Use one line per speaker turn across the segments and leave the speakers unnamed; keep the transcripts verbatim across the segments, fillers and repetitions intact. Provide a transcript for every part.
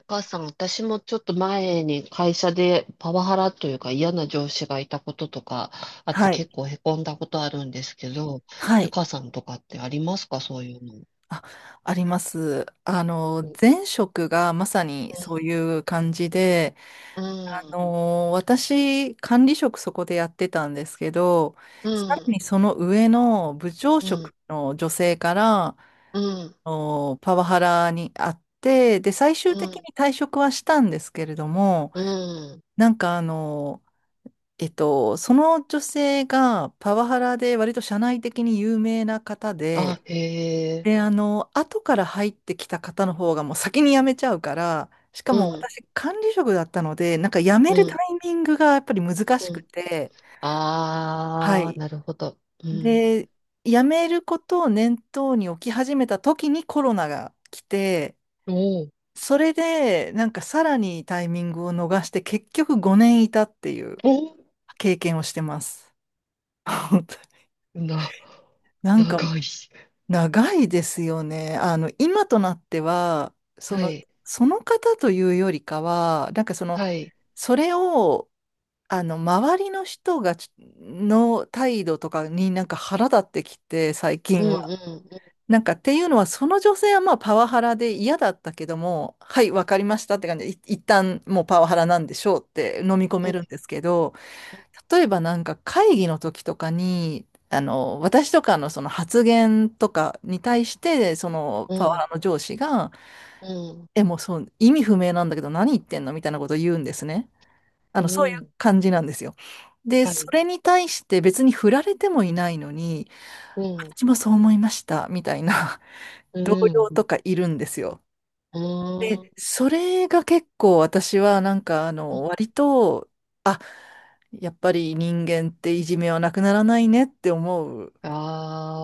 お母さん、私もちょっと前に会社でパワハラというか嫌な上司がいたこととかあって
はい。
結構へこんだことあるんですけど、
は
ゆ
い。
かさんとかってありますかそういうの。
あ、あります。あの、前職がまさに
う
そういう感じで、
ん、
あの、私、管理職そこでやってたんですけど、
うん、う
さらに
ん、
その上の部長
う
職
ん、
の女性から、
う
あのパワハラにあって、で、最終的に
ん、
退職はしたんですけれども、
うん。
なんかあの、えっと、その女性がパワハラで割と社内的に有名な方
あ、
で、
へえ。
で、あの、後から入ってきた方の方がもう先に辞めちゃうから、しか
う
も
ん、
私管理職だったので、なんか辞め
う
るタ
ん、
イミングがやっぱり難し
う
く
ん。
て、は
あー、
い。
なるほど。うん。
で、辞めることを念頭に置き始めた時にコロナが来て、
おー、
それでなんかさらにタイミングを逃して結局ごねんいたっていう
おー、
経験をしてます。
な、
なんか
長い。
長いですよね。あの、今となっては、そ
は
の、
い、
その方というよりかは、なんかその、
はい。
それを、あの、周りの人がち、の態度とかになんか腹立ってきて、最
う
近
ん、う
は。
ん、う
なんかっていうのは、その女性はまあパワハラで嫌だったけども、はい、わかりましたって感じで、い一旦もうパワハラなんでしょうって飲み込
ん、
めるん
う
ですけど、
ん、
例えばなんか会議の時とかに、あの、私とかのその発言とかに対して、その
う
パワハ
ん。
ラの上司が、
うん。
え、もうそう、意味不明なんだけど何言ってんのみたいなことを言うんですね。あ
う
の、そういう
ん。
感じなんですよ。で、
は
そ
い。
れに対して別に振られてもいないのに、
うん。
私もそう思いました、みたいな
う
同僚
ん。
とかいるんですよ。
う
で、
ん。
それが結構私はなんかあの割と、あ、やっぱり人間っていじめはなくならないねって思う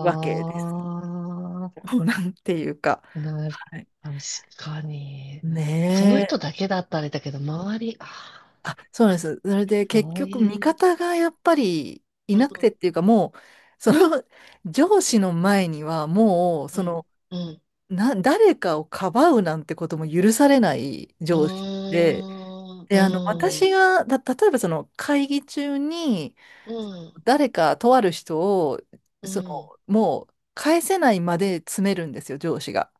わけです。もうなんていうか。
あ、なる、
はい。
確かに。その
ね
人
え。
だけだったらあれだけど、周り、あ
あ、そうなんです。それで
あ、
結
そう
局
い
味
う。
方がやっぱりい
う
なくてっ
ん。
ていうかもう、その上司の前にはもう、
う
そ
ん。
の、
うん。
な、誰かをかばうなんてことも許されない
う
上司で、
ーん。
で、あの、
う
私
ん。
が、た、例えばその会議中に、誰かとある人を、
うん。う
その、
ん。
もう返せないまで詰めるんですよ、上司が。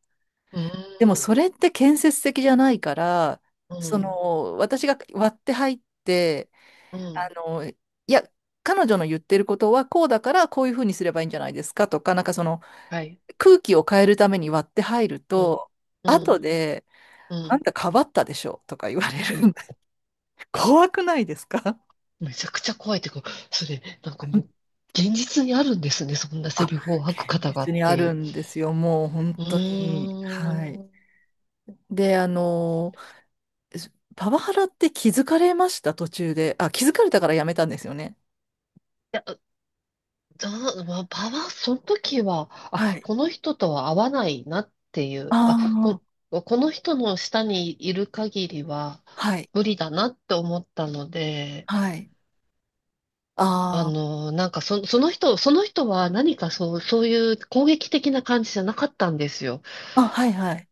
う
でも
ん。
それって建設的じゃないから、
う
そ
ん。
の、私が割って入って、
うん。
あの、いや、彼女の言ってることはこうだからこういうふうにすればいいんじゃないですかとか、なんかその
はい。
空気を変えるために割って入る
うん。
と、
う
後
ん。
で、
う
あん
ん。
たかばったでしょとか言われる。怖くないですか
めちゃくちゃ怖いっていうか、それ、なんかもう、現実にあるんですね、そんな
あ、
セリフを吐く
現
方が
実
っ
にあ
てい
る
う。
んですよ。もう本
う
当に。はい。
ーん。い
で、あの、すパワハラって気づかれました、途中で。あ、気づかれたからやめたんですよね。
や、だ、まあ、ばば、その時は、
は
あ、
い。
この人とは合わないなっていう、あ、
ああ、
こ、この人の下にいる限りは
はい。
無理だなって思ったので、
はい。
あ
あ
の、なんかそ、その人、その人は何かそう、そういう攻撃的な感じじゃなかったんですよ。
あ、あ、はいはい。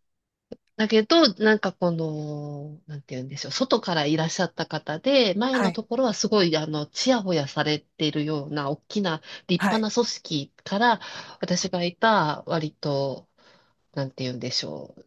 だけど、なんかこの、なんて言うんでしょう、外からいらっしゃった方で、前
は
の
い。
ところはすごい、あの、ちやほやされているような、大きな、立
は
派
い。
な組織から、私がいた、割と、なんて言うんでしょう、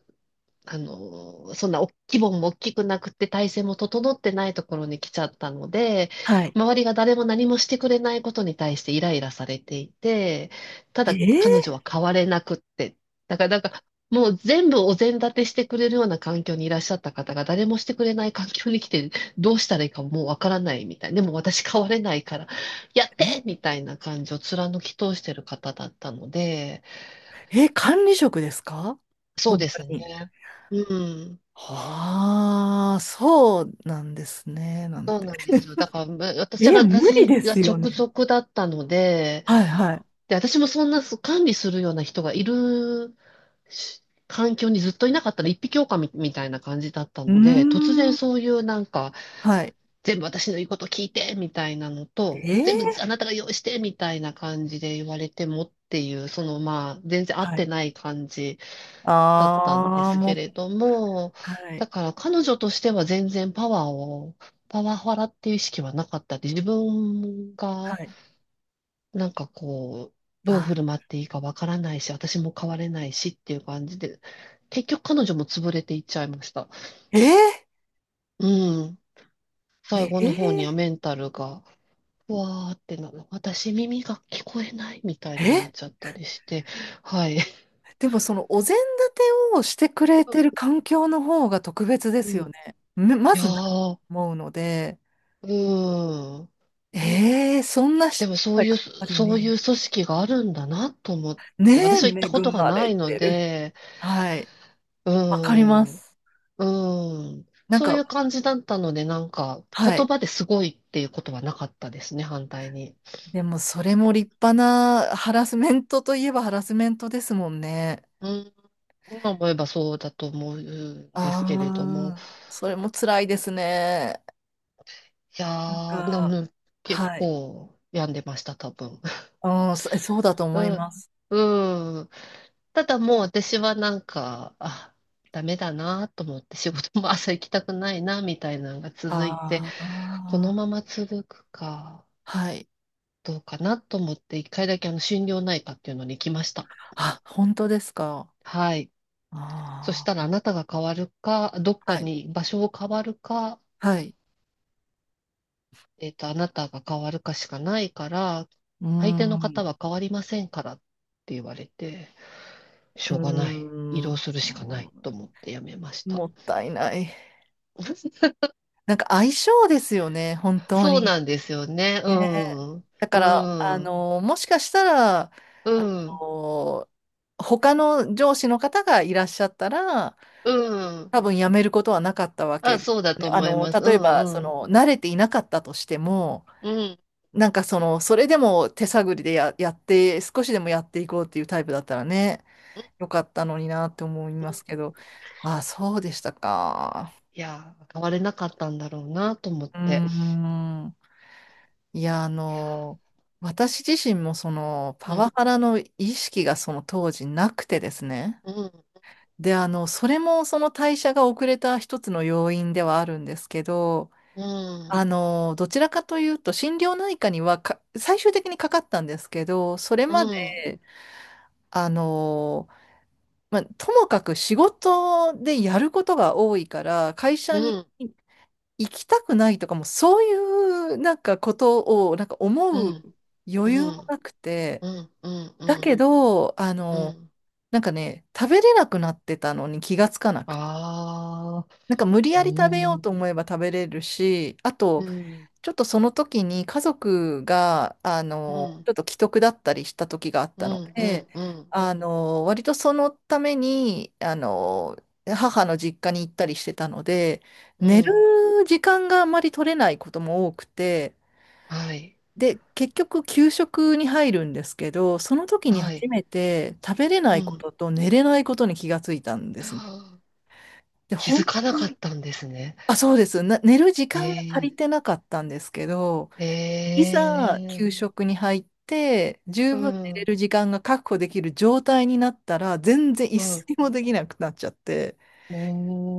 あの、そんなお規模も大きくなくて体制も整ってないところに来ちゃったので、
はい。
周りが誰も何もしてくれないことに対してイライラされていて、た
え
だ
ー、
彼女は変われなくって、だからなんかもう全部お膳立てしてくれるような環境にいらっしゃった方が誰もしてくれない環境に来てどうしたらいいかもうわからないみたいな。でも私変われないからやっ
え、
てみたいな感じを貫き通してる方だったので、
え、管理職ですか
そう
本
で
当
す
に。
ね。うん。
はあ、そうなんですね、なん
そう
て。
なんですよ。だから、む 私
え、
が、
無理
私
で
が
すよ
直
ね。
属だったので、
はいはい。
で、私もそんなそう管理するような人がいるし環境にずっといなかったら一匹狼みみたいな感じだった
うー
ので、突然
ん。
そういうなんか、
はい。
全部私の言うこと聞いてみたいなのと、
え
全部
ー
あなたが用意してみたいな感じで言われてもっていう、そのまあ、全然合っ
は
て
い。
ない感じ。だったんで
ああ、
す
も
け
っ
れども、
はいな
だ
い。
から彼女としては全然パワーを、パワハラっていう意識はなかったで、自分
は
が
い。
なんかこう、どう
あ、
振る舞っていいかわからないし、私も変われないしっていう感じで、結局彼女も潰れていっちゃいました。
えー、
うん。最後の方には
え
メンタルが、うわーってなる、私耳が聞こえないみたい
ー、
になっ
え
ちゃったりして、はい。
でもそのお膳立てをしてくれ
う
て
ん。
る環境の方が特別で
う
す
ん
よ
い
ね。めま
や
ずないと
ー、
思うので、
うん。
えー、そんな
で
人
もそ
が
うい
や
う、
っぱり
そうい
ね、
う組織があるんだなと思っ
ね
て、
え、
私は行った
恵
ことが
ま
な
れ
いの
てる。
で、
はい。
う
わかりま
ん、
す。
うん、
なん
そうい
か、
う感じだったので、なんか
は
言
い。
葉ですごいっていうことはなかったですね、反対に。
でもそれも立派なハラスメントといえばハラスメントですもんね。
うん、今思えばそうだと思うんですけれども、
ああ、それも辛いですね。
い
なん
やー、で
か、
も結
はい。
構病んでました、多分。
うん、そえそうだと
う
思い
ん、
ます。
うん。ただもう私はなんか、あ、ダメだなと思って仕事も朝行きたくないなみたいなのが続いて、
あ
このま
あ、
ま続くか
はい。
どうかなと思って一回だけあの心療内科っていうのに行きました。
あ、本当ですか。
はい。そし
あ
たらあ
あ、
なたが変わるか、どっか
はい。
に場所を変わるか、
はい。
えっと、あなたが変わるかしかないから、
うー
相手の
ん、う
方は変わりませんからって言われて、し
ー
ょうがない。移
ん、う
動する
ー
しかない
ん
と思ってやめました。
もったいない。なんか相性ですよね、本当
そう
に。
なんですよね。う
ね
ん。
だから、あ
うん。
の、もしかしたら、
う
あ
ん。
の、他の上司の方がいらっしゃったら、
うん。
多分やめることはなかったわけ
あ、
です
そうだ
よ
と
ね。あ
思い
の、
ます。う
例えば、そ
ん。うん。
の、慣れていなかったとしても、
うん。
なんかその、それでも手探りでや、やって、少しでもやっていこうっていうタイプだったらね、よかったのになって思いま
うん
すけど、ああ、そうでしたか。
いやー、変われなかったんだろうなと思っ
うー
て。
ん。いや、あ
いや
の、私自身もその、パワハ
ー
ラの意識がその当時なくてですね。
うん。
で、あの、それもその代謝が遅れた一つの要因ではあるんですけど、
う
あ
ん。
の、どちらかというと、心療内科にはか、最終的にかかったんですけど、それ
う
ま
ん。
で、あの、まあ、ともかく仕事でやることが多いから、会社
う
に
ん。
行きたくないとかも、そういうなんかことを、なんか
う
思う
ん。う
余裕も
ん。
なくて、
うん。うん。う
だけ
ん。
ど、あ
う
の、
ん。
なんかね、食べれなくなってたのに気がつかなくて、
ああ。
なんか無理
う
やり食べよう
ん。
と思えば食べれるし、あ
う
と、
ん。
ちょっとその時に家族が、あ
う
の、
ん。
ちょっと危篤だったりした時があっ
う
たの
ん。う
で、
ん。う
あ
ん。
の、割とそのために、あの、母の実家に行ったりしてたので、
う
寝る
ん。
時間があまり取れないことも多くて、
はい。
で、結局給食に入るんですけど、その時に
は
初
い。
めて食べれな
う
いこ
ん。
とと寝れないことに気がついたんですね。で、
気
本
づかな
当
かっ
に、
たんですね。
あ、そうです。な、寝る時
え
間が足
え、
りてなかったんですけど、い
え
ざ
え、
給食に入って十
う
分寝れ
ん、
る時間が確保できる状態になったら全然一
うん、
睡もできなくなっちゃって
お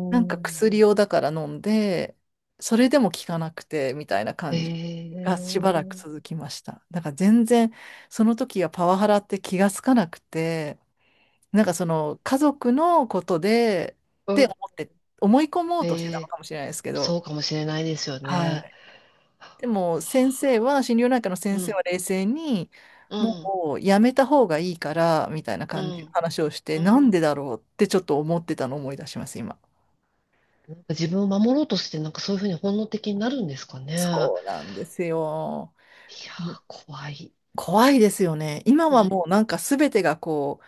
なんか
ー、
薬をだから飲んでそれでも効かなくてみたいな
え
感じがしばらく
え、
続きましただから全然その時はパワハラって気がつかなくてなんかその家族のことでっ
う
て思
ん、
って思い込もうとしてたの
え
かもしれないですけ
え、
ど
そうかもしれないですよ
は
ね。
いでも先生は、心療内科の先
う
生
ん、
は冷静に、
うん、
もうやめた方がいいから、みたいな
う
感じの
ん、
話をして、
うん。
なんでだろうってちょっと思ってたのを思い出します、今。
なんか自分を守ろうとして、なんかそういうふうに本能的になるんですかね。いや
そうなんですよ。
ー、
もう
怖い。
怖いですよね。今
うん、
は
い
もうなんか全てがこ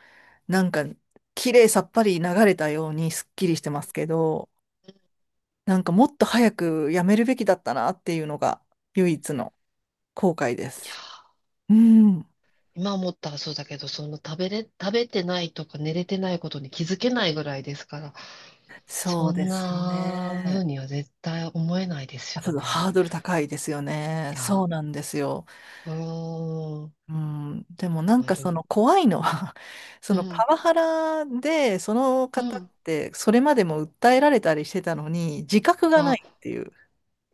う、なんか綺麗さっぱり流れたようにすっきりしてますけど、なんかもっと早くやめるべきだったなっていうのが唯一の後悔で
や
す。
ー、
うん、
今思ったらそうだけど、その食べれ、食べてないとか寝れてないことに気づけないぐらいですから。
そ
そ
うで
ん
すよ
な
ね。
風には絶対思えないです
あ、ちょ
よ
っと
ね。
ハードル高いですよね。
い
そう
や、
なんですよ。
うーん、
うん、でもなん
な
かそ
る、
の怖いのは そ
う
のパ
ん、
ワハラで、その
う
方っ
ん。
てそれまでも訴えられたりしてたのに、自覚がな
あ、
いっていう。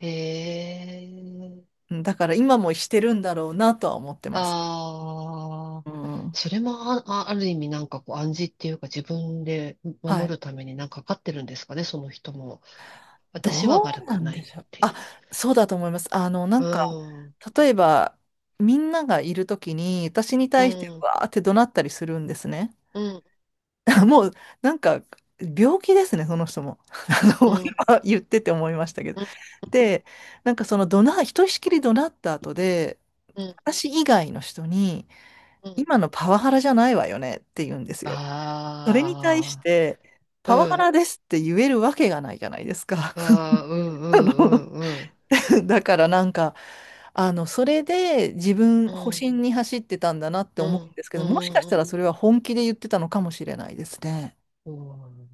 ええ
うんだから今もしてるんだろうなとは思ってます。
ああー、
うん、
それもあ、あある意味なんかこう暗示っていうか自分で
は
守
い。
るためになんかかかってるんですかね、その人も。私は
どう
悪
な
く
ん
ない
で
っ
しょう。
てい
あ、
う。
そうだと思います。あの、な
う
んか、
ん、
例えば、みんながいるときに、私に
う
対して
ん、
わーって怒鳴ったりするんですね。
うん、
もう、なんか、病気ですね、その人も。あ
う
の、
ん、
今言ってて思いましたけど。
うん、
で、なんかその怒鳴、ひとしきり怒鳴った後で、
うん、
私以外の人に、
うん。
今のパワハラじゃないわよねって言うんですよ。それに対し
あ
て、
あ、う
パワハ
ん、
ラですって言えるわけがないじゃないですか。
あ あ、うん、う
あ
ん、
の、
うん、うん。
だからなんか、あの、それで自分、
う
保
ん、
身に走ってたんだなって
う
思う
ん、
んですけ
う
ど、もしかし
ん、う
たらそ
ん。
れは本気で言ってたのかもしれないですね。
うん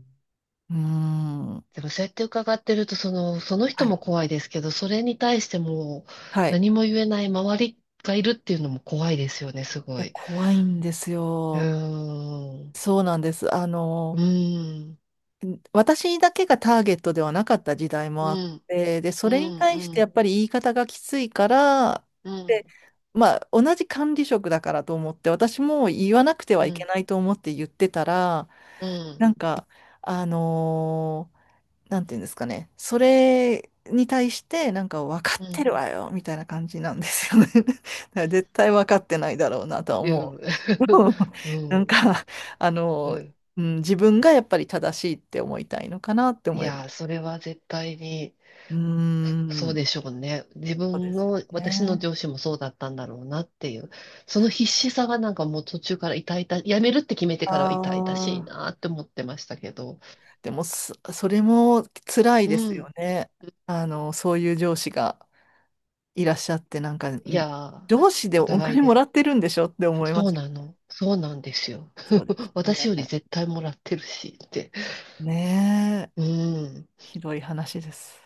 うーん。
でもそうやって伺ってると、その、その
は
人も
い。
怖いですけど、それに対してもう
はい。
何
い
も言えない周りがいるっていうのも怖いですよね、すご
や、
い。
怖いんです
う
よ。
ーん。
そうなんです。あ
う
の、
ーん。
ん私だけがターゲットではなかった時代
う
もあっ
ん、
て、で、そ
う
れに
ん、
対し
う
てや
ん、
っぱり言い方がきついから、
う
で、
ん、
まあ、同じ管理職だからと思って、私も言わなくては
うん、
い
う
け
ん、
ないと思って言ってたら、
うん。
なんか、あのーなんていうんですかね。それに対して、なんか分かっ
う
て
ん。
るわよ、みたいな感じなんですよね。だから絶対分かってないだろうなとは思う。
う
なん
ん。
か、あ
う
の、
ん
うん、自分がやっぱり正しいって思いたいのかなって
い
思いま
や、
す。
それは絶対に。
うー
そう
ん、
でしょうね。自
そうで
分
すよ
の、私の
ね。
上司もそうだったんだろうなっていう。その必死さがなんかもう途中から痛々、やめるって決めて
あ
からは痛々しい
あ、
なって思ってましたけど。
でもそ、それも辛い
う
ですよ
ん。
ね。あの、そういう上司がいらっしゃって、なんか、
いやー、
上司で
お
お
互い
金
で
もら
す。
ってるんでしょって思いま
そ
す
うな
よ。
の。そうなんですよ。
そうです よ
私
ね。
より絶対もらってるしって。
ねえ、
うん。
ひどい話です。